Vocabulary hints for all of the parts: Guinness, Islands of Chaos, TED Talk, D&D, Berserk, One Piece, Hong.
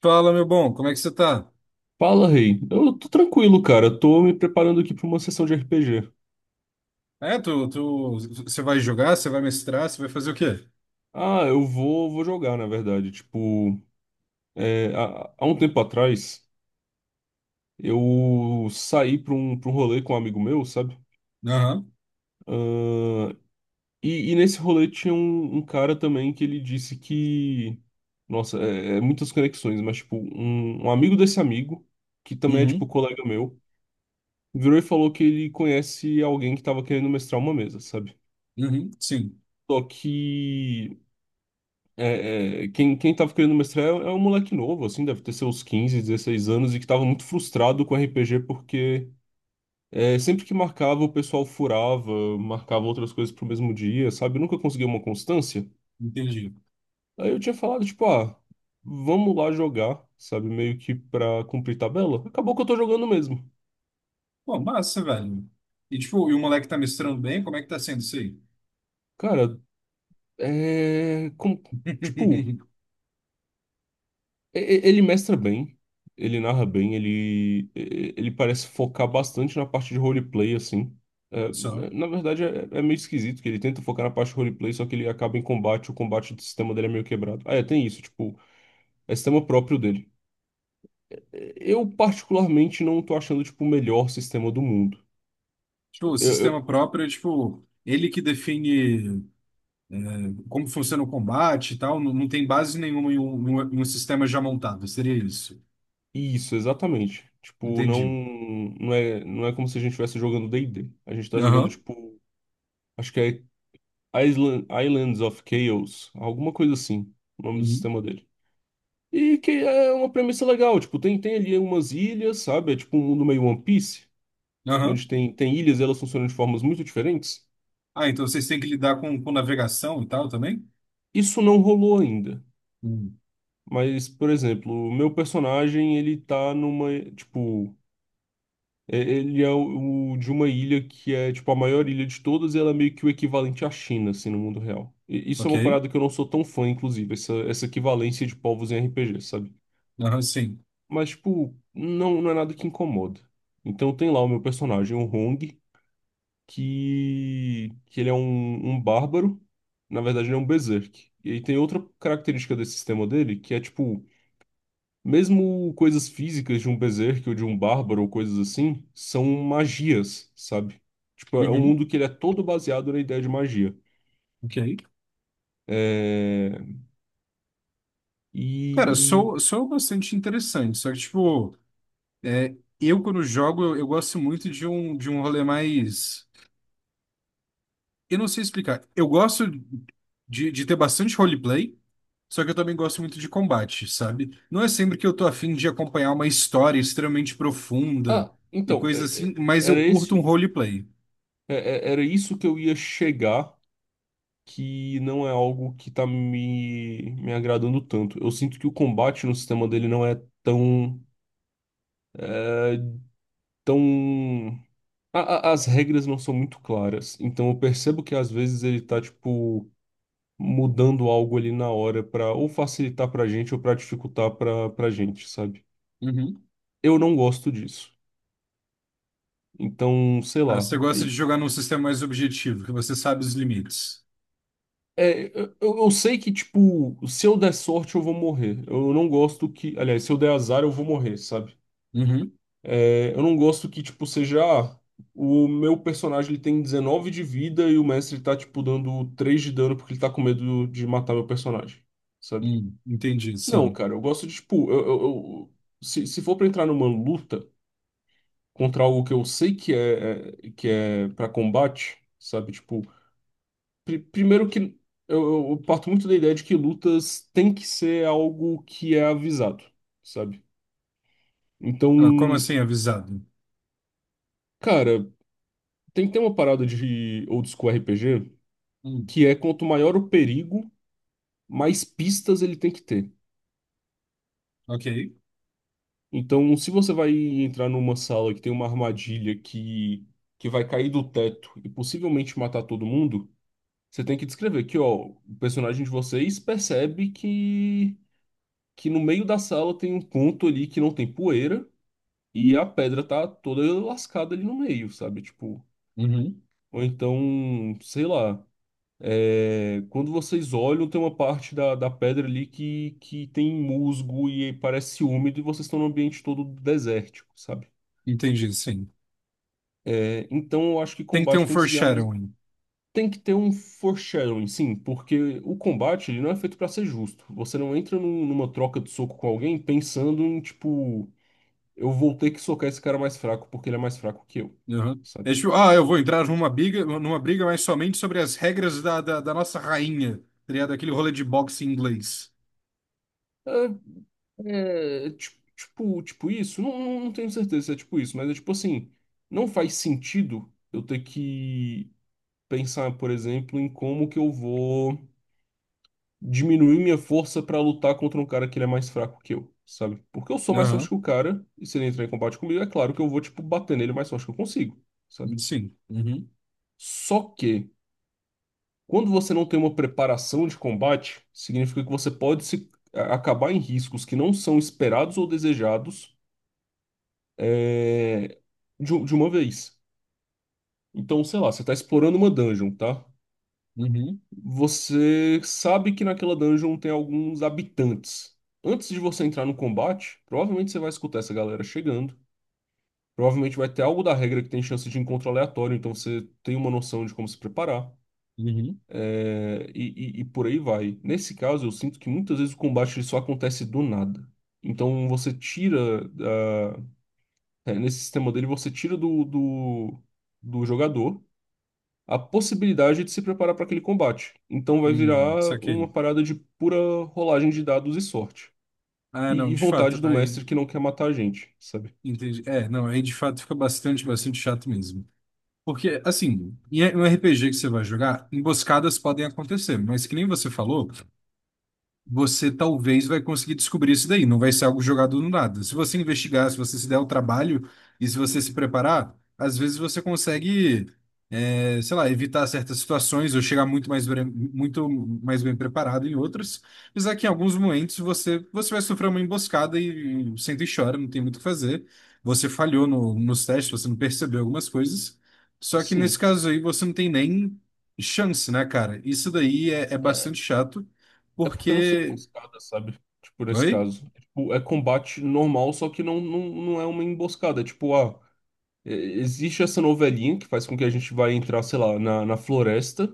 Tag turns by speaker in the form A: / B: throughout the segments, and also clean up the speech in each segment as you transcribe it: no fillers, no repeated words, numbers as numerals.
A: Fala, meu bom, como é que você tá?
B: Fala, rei. Eu tô tranquilo, cara. Eu tô me preparando aqui pra uma sessão de RPG.
A: É, você vai jogar, você vai mestrar, você vai fazer o quê?
B: Ah, eu vou jogar, na verdade. Tipo, há um tempo atrás, eu saí pra um rolê com um amigo meu, sabe?
A: Aham.
B: Ah, e nesse rolê tinha um cara também que ele disse que. Nossa, é muitas conexões, mas, tipo, um amigo desse amigo, que também é, tipo,
A: Uhum.
B: colega meu, virou e falou que ele conhece alguém que tava querendo mestrar uma mesa, sabe?
A: Uhum, sim.
B: Só que. Quem tava querendo mestrar é um moleque novo, assim, deve ter seus 15 16 anos e que tava muito frustrado com RPG porque sempre que marcava, o pessoal furava, marcava outras coisas pro mesmo dia, sabe? Nunca conseguia uma constância.
A: Entendi.
B: Aí eu tinha falado, tipo, ah, vamos lá jogar, sabe? Meio que pra cumprir tabela. Acabou que eu tô jogando mesmo.
A: Pô, massa, velho. E, tipo, e o moleque tá mestrando bem, como é que tá sendo isso aí?
B: Cara, é. com- tipo. Ele mestra bem, ele narra bem, ele parece focar bastante na parte de roleplay, assim. É,
A: Só.
B: é, na verdade, é meio esquisito que ele tenta focar na parte de roleplay, só que ele acaba em combate. O combate do sistema dele é meio quebrado. Ah, é, tem isso. Tipo, é sistema próprio dele. É. Eu, particularmente, não tô achando, tipo, o melhor sistema do mundo.
A: Tipo,
B: Eu,
A: o
B: eu-
A: sistema próprio é, tipo, ele que define como funciona o combate e tal, não, tem base nenhuma em um sistema já montado, seria isso.
B: isso, exatamente. Tipo, não,
A: Entendi.
B: não é como se a gente estivesse jogando D&D. A gente tá jogando,
A: Aham.
B: tipo, acho que é Islands of Chaos, alguma coisa assim, o nome do
A: Uhum.
B: sistema dele. E que é uma premissa legal. Tipo, tem ali umas ilhas, sabe? É tipo um mundo meio One Piece,
A: Aham.
B: onde tem ilhas, e elas funcionam de formas muito diferentes.
A: Ah, então vocês têm que lidar com navegação e tal também?
B: Isso não rolou ainda. Mas, por exemplo, o meu personagem, ele tá numa, tipo, ele é o, de uma ilha que é, tipo, a maior ilha de todas, e ela é meio que o equivalente à China, assim, no mundo real. E isso é
A: Ok?
B: uma parada que eu não sou tão fã, inclusive, essa equivalência de povos em RPG, sabe?
A: Aham, sim.
B: Mas, tipo, não, não é nada que incomoda. Então tem lá o meu personagem, o Hong, que ele é um bárbaro. Na verdade, ele é um berserk. E aí tem outra característica desse sistema dele, que é, tipo, mesmo coisas físicas de um berserk ou de um bárbaro ou coisas assim, são magias, sabe? Tipo, é um
A: Uhum,
B: mundo que ele é todo baseado na ideia de magia.
A: ok.
B: É... E,
A: Cara,
B: e-
A: sou bastante interessante, só que, tipo, é, eu quando jogo, eu gosto muito de um rolê mais. Eu não sei explicar. Eu gosto de ter bastante roleplay, só que eu também gosto muito de combate, sabe? Não é sempre que eu tô afim de acompanhar uma história extremamente profunda
B: Ah,
A: e
B: então,
A: coisa
B: é-
A: assim,
B: é-
A: mas
B: era
A: eu curto um
B: esse...
A: roleplay.
B: é- é- era isso que eu ia chegar, que não é algo que tá me agradando tanto. Eu sinto que o combate no sistema dele não é tão, é, tão... as regras não são muito claras. Então eu percebo que, às vezes, ele tá, tipo, mudando algo ali na hora pra ou facilitar pra gente ou pra dificultar pra gente, sabe?
A: Uhum.
B: Eu não gosto disso. Então, sei
A: Ah,
B: lá.
A: você gosta de
B: E-
A: jogar num sistema mais objetivo, que você sabe os limites.
B: é, eu sei que, tipo, se eu der sorte, eu vou morrer. Eu não gosto que. Aliás, se eu der azar, eu vou morrer, sabe?
A: Uhum.
B: É, eu não gosto que, tipo, seja. O meu personagem, ele tem 19 de vida, e o mestre tá, tipo, dando 3 de dano porque ele tá com medo de matar meu personagem, sabe?
A: Entendi,
B: Não,
A: sim.
B: cara, eu gosto de, tipo, se for pra entrar numa luta contra algo que eu sei que é pra combate, sabe? Tipo, primeiro que eu parto muito da ideia de que lutas tem que ser algo que é avisado, sabe? Então,
A: Ah, como assim avisado?
B: cara, tem que ter uma parada de old school RPG,
A: Hum,
B: que é: quanto maior o perigo, mais pistas ele tem que ter.
A: ok.
B: Então, se você vai entrar numa sala que tem uma armadilha que vai cair do teto e possivelmente matar todo mundo, você tem que descrever que, ó, o personagem de vocês percebe que no meio da sala tem um ponto ali que não tem poeira, e a pedra tá toda lascada ali no meio, sabe? Tipo,
A: Uhum.
B: ou então, sei lá. É, quando vocês olham, tem uma parte da pedra ali que tem musgo e parece úmido, e vocês estão num ambiente todo desértico, sabe?
A: Entendi, sim.
B: É, então eu acho que
A: Tem que ter um
B: combate tem que seguir a mesma.
A: foreshadowing.
B: Tem que ter um foreshadowing, sim, porque o combate, ele não é feito pra ser justo. Você não entra numa troca de soco com alguém pensando em, tipo, eu vou ter que socar esse cara mais fraco porque ele é mais fraco que eu,
A: Uhum. É
B: sabe?
A: tipo, ah, eu vou entrar numa briga, mas somente sobre as regras da nossa rainha, teria aquele rolê de boxe em inglês.
B: É, tipo, isso? Não, não tenho certeza se é tipo isso, mas é tipo assim: não faz sentido eu ter que pensar, por exemplo, em como que eu vou diminuir minha força pra lutar contra um cara que ele é mais fraco que eu, sabe? Porque eu sou mais
A: Aham.
B: forte que o cara, e se ele entrar em combate comigo, é claro que eu vou, tipo, bater nele o mais forte que eu consigo, sabe?
A: Sim. Uhum.
B: Só que, quando você não tem uma preparação de combate, significa que você pode se acabar em riscos que não são esperados ou desejados, é, de uma vez. Então, sei lá, você tá explorando uma dungeon, tá?
A: Uhum.
B: Você sabe que naquela dungeon tem alguns habitantes. Antes de você entrar no combate, provavelmente você vai escutar essa galera chegando. Provavelmente vai ter algo da regra que tem chance de encontro aleatório, então você tem uma noção de como se preparar.
A: Uhum.
B: É, e por aí vai. Nesse caso, eu sinto que muitas vezes o combate ele só acontece do nada. Então você tira. Nesse sistema dele, você tira do jogador a possibilidade de se preparar para aquele combate. Então vai virar uma
A: Saquei.
B: parada de pura rolagem de dados e sorte.
A: Ah,
B: E,
A: não,
B: e
A: de fato,
B: vontade do
A: aí
B: mestre, que não quer matar a gente, sabe?
A: entendi. É, não, aí de fato fica bastante, bastante chato mesmo. Porque, assim, em um RPG que você vai jogar, emboscadas podem acontecer, mas que nem você falou. Você talvez vai conseguir descobrir isso daí. Não vai ser algo jogado no nada. Se você investigar, se você se der o trabalho e se você se preparar, às vezes você consegue, sei lá, evitar certas situações ou chegar muito mais, muito mais bem preparado em outras. Apesar que em alguns momentos você vai sofrer uma emboscada e senta e chora, não tem muito o que fazer. Você falhou nos testes, você não percebeu algumas coisas. Só que nesse
B: Assim,
A: caso aí você não tem nem chance, né, cara? Isso daí é
B: é,
A: bastante chato
B: porque eu não sou
A: porque
B: emboscada, sabe? Tipo, nesse
A: Oi?
B: caso. É, tipo, é combate normal, só que não, não é uma emboscada. É tipo, ah. É, existe essa novelinha que faz com que a gente vai entrar, sei lá, na floresta.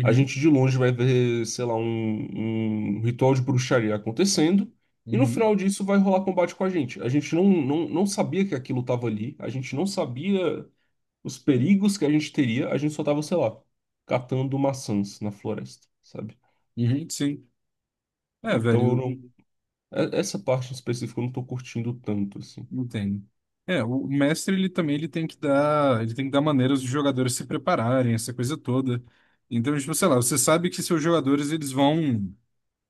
B: A gente, de longe, vai ver, sei lá, um ritual de bruxaria acontecendo. E no
A: Uhum.
B: final disso vai rolar combate com a gente. A gente não sabia que aquilo tava ali. A gente não sabia os perigos que a gente teria. A gente só tava, sei lá, catando maçãs na floresta, sabe?
A: Uhum, sim. É,
B: Então eu
A: velho,
B: não. Essa parte em específico eu não tô curtindo tanto, assim.
A: eu entendo. É, o mestre ele também ele tem que dar, ele tem que dar maneiras dos jogadores se prepararem, essa coisa toda. Então, tipo, sei lá, você sabe que seus jogadores eles vão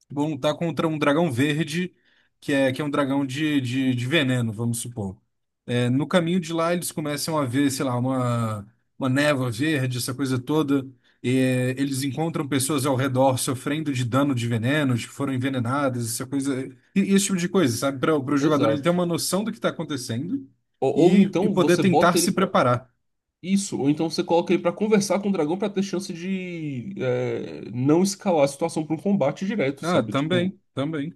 A: vou lutar contra um dragão verde, que é um dragão de veneno, vamos supor. É, no caminho de lá, eles começam a ver, sei lá, uma névoa verde, essa coisa toda. E, é, eles encontram pessoas ao redor sofrendo de dano de venenos, que foram envenenadas, essa coisa. E esse tipo de coisa, sabe? Para o jogador ele ter
B: Exato.
A: uma noção do que está acontecendo
B: Ou
A: e
B: então
A: poder
B: você
A: tentar
B: bota ele
A: se
B: pra.
A: preparar.
B: Isso, ou então você coloca ele pra conversar com o dragão pra ter chance de não escalar a situação pra um combate direto,
A: Ah,
B: sabe? Tipo,
A: também, também.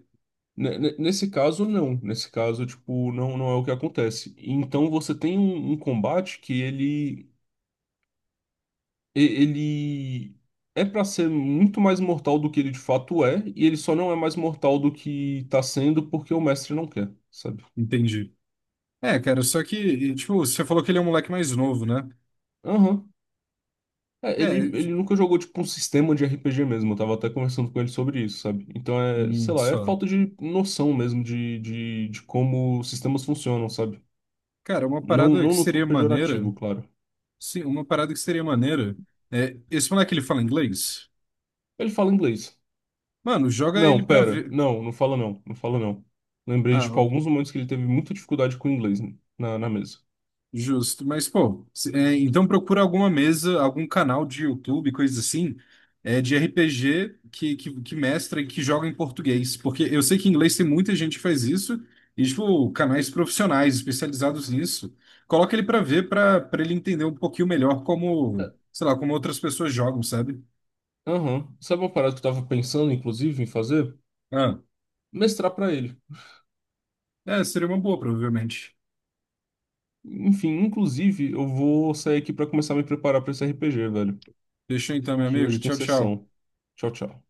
B: nesse caso, não. Nesse caso, tipo, não é o que acontece. Então você tem um combate que ele é pra ser muito mais mortal do que ele de fato é, e ele só não é mais mortal do que tá sendo porque o mestre não quer, sabe?
A: Entendi. É, cara, só que, e, tipo, você falou que ele é um moleque mais novo, né?
B: Aham. É, ele,
A: É.
B: ele nunca jogou, tipo, um sistema de RPG mesmo. Eu tava até conversando com ele sobre isso, sabe? Então é, sei lá, é
A: Só.
B: falta de noção mesmo de como sistemas funcionam, sabe?
A: Cara, uma
B: Não,
A: parada que
B: não no tom
A: seria maneira.
B: pejorativo, claro.
A: Sim, uma parada que seria maneira. É, esse moleque ele fala inglês?
B: Ele fala inglês.
A: Mano, joga ele
B: Não,
A: pra
B: pera.
A: ver.
B: Não, não fala não. Não fala não. Lembrei de, tipo,
A: Ah,
B: alguns momentos que ele teve muita dificuldade com o inglês na mesa.
A: justo. Mas, pô, é, então procura alguma mesa, algum canal de YouTube, coisa assim, é, de RPG que mestra e que joga em português. Porque eu sei que em inglês tem muita gente que faz isso, e, tipo, canais profissionais especializados nisso. Coloca ele pra ver, pra ele entender um pouquinho melhor
B: É,
A: como, sei lá, como outras pessoas jogam, sabe?
B: aham. Sabe uma parada que eu tava pensando, inclusive, em fazer?
A: Ah.
B: Mestrar pra ele.
A: É, seria uma boa, provavelmente.
B: Enfim, inclusive, eu vou sair aqui pra começar a me preparar pra esse RPG, velho,
A: Deixa então, meu
B: que
A: amigo.
B: hoje tem
A: Tchau, tchau.
B: sessão. Tchau, tchau.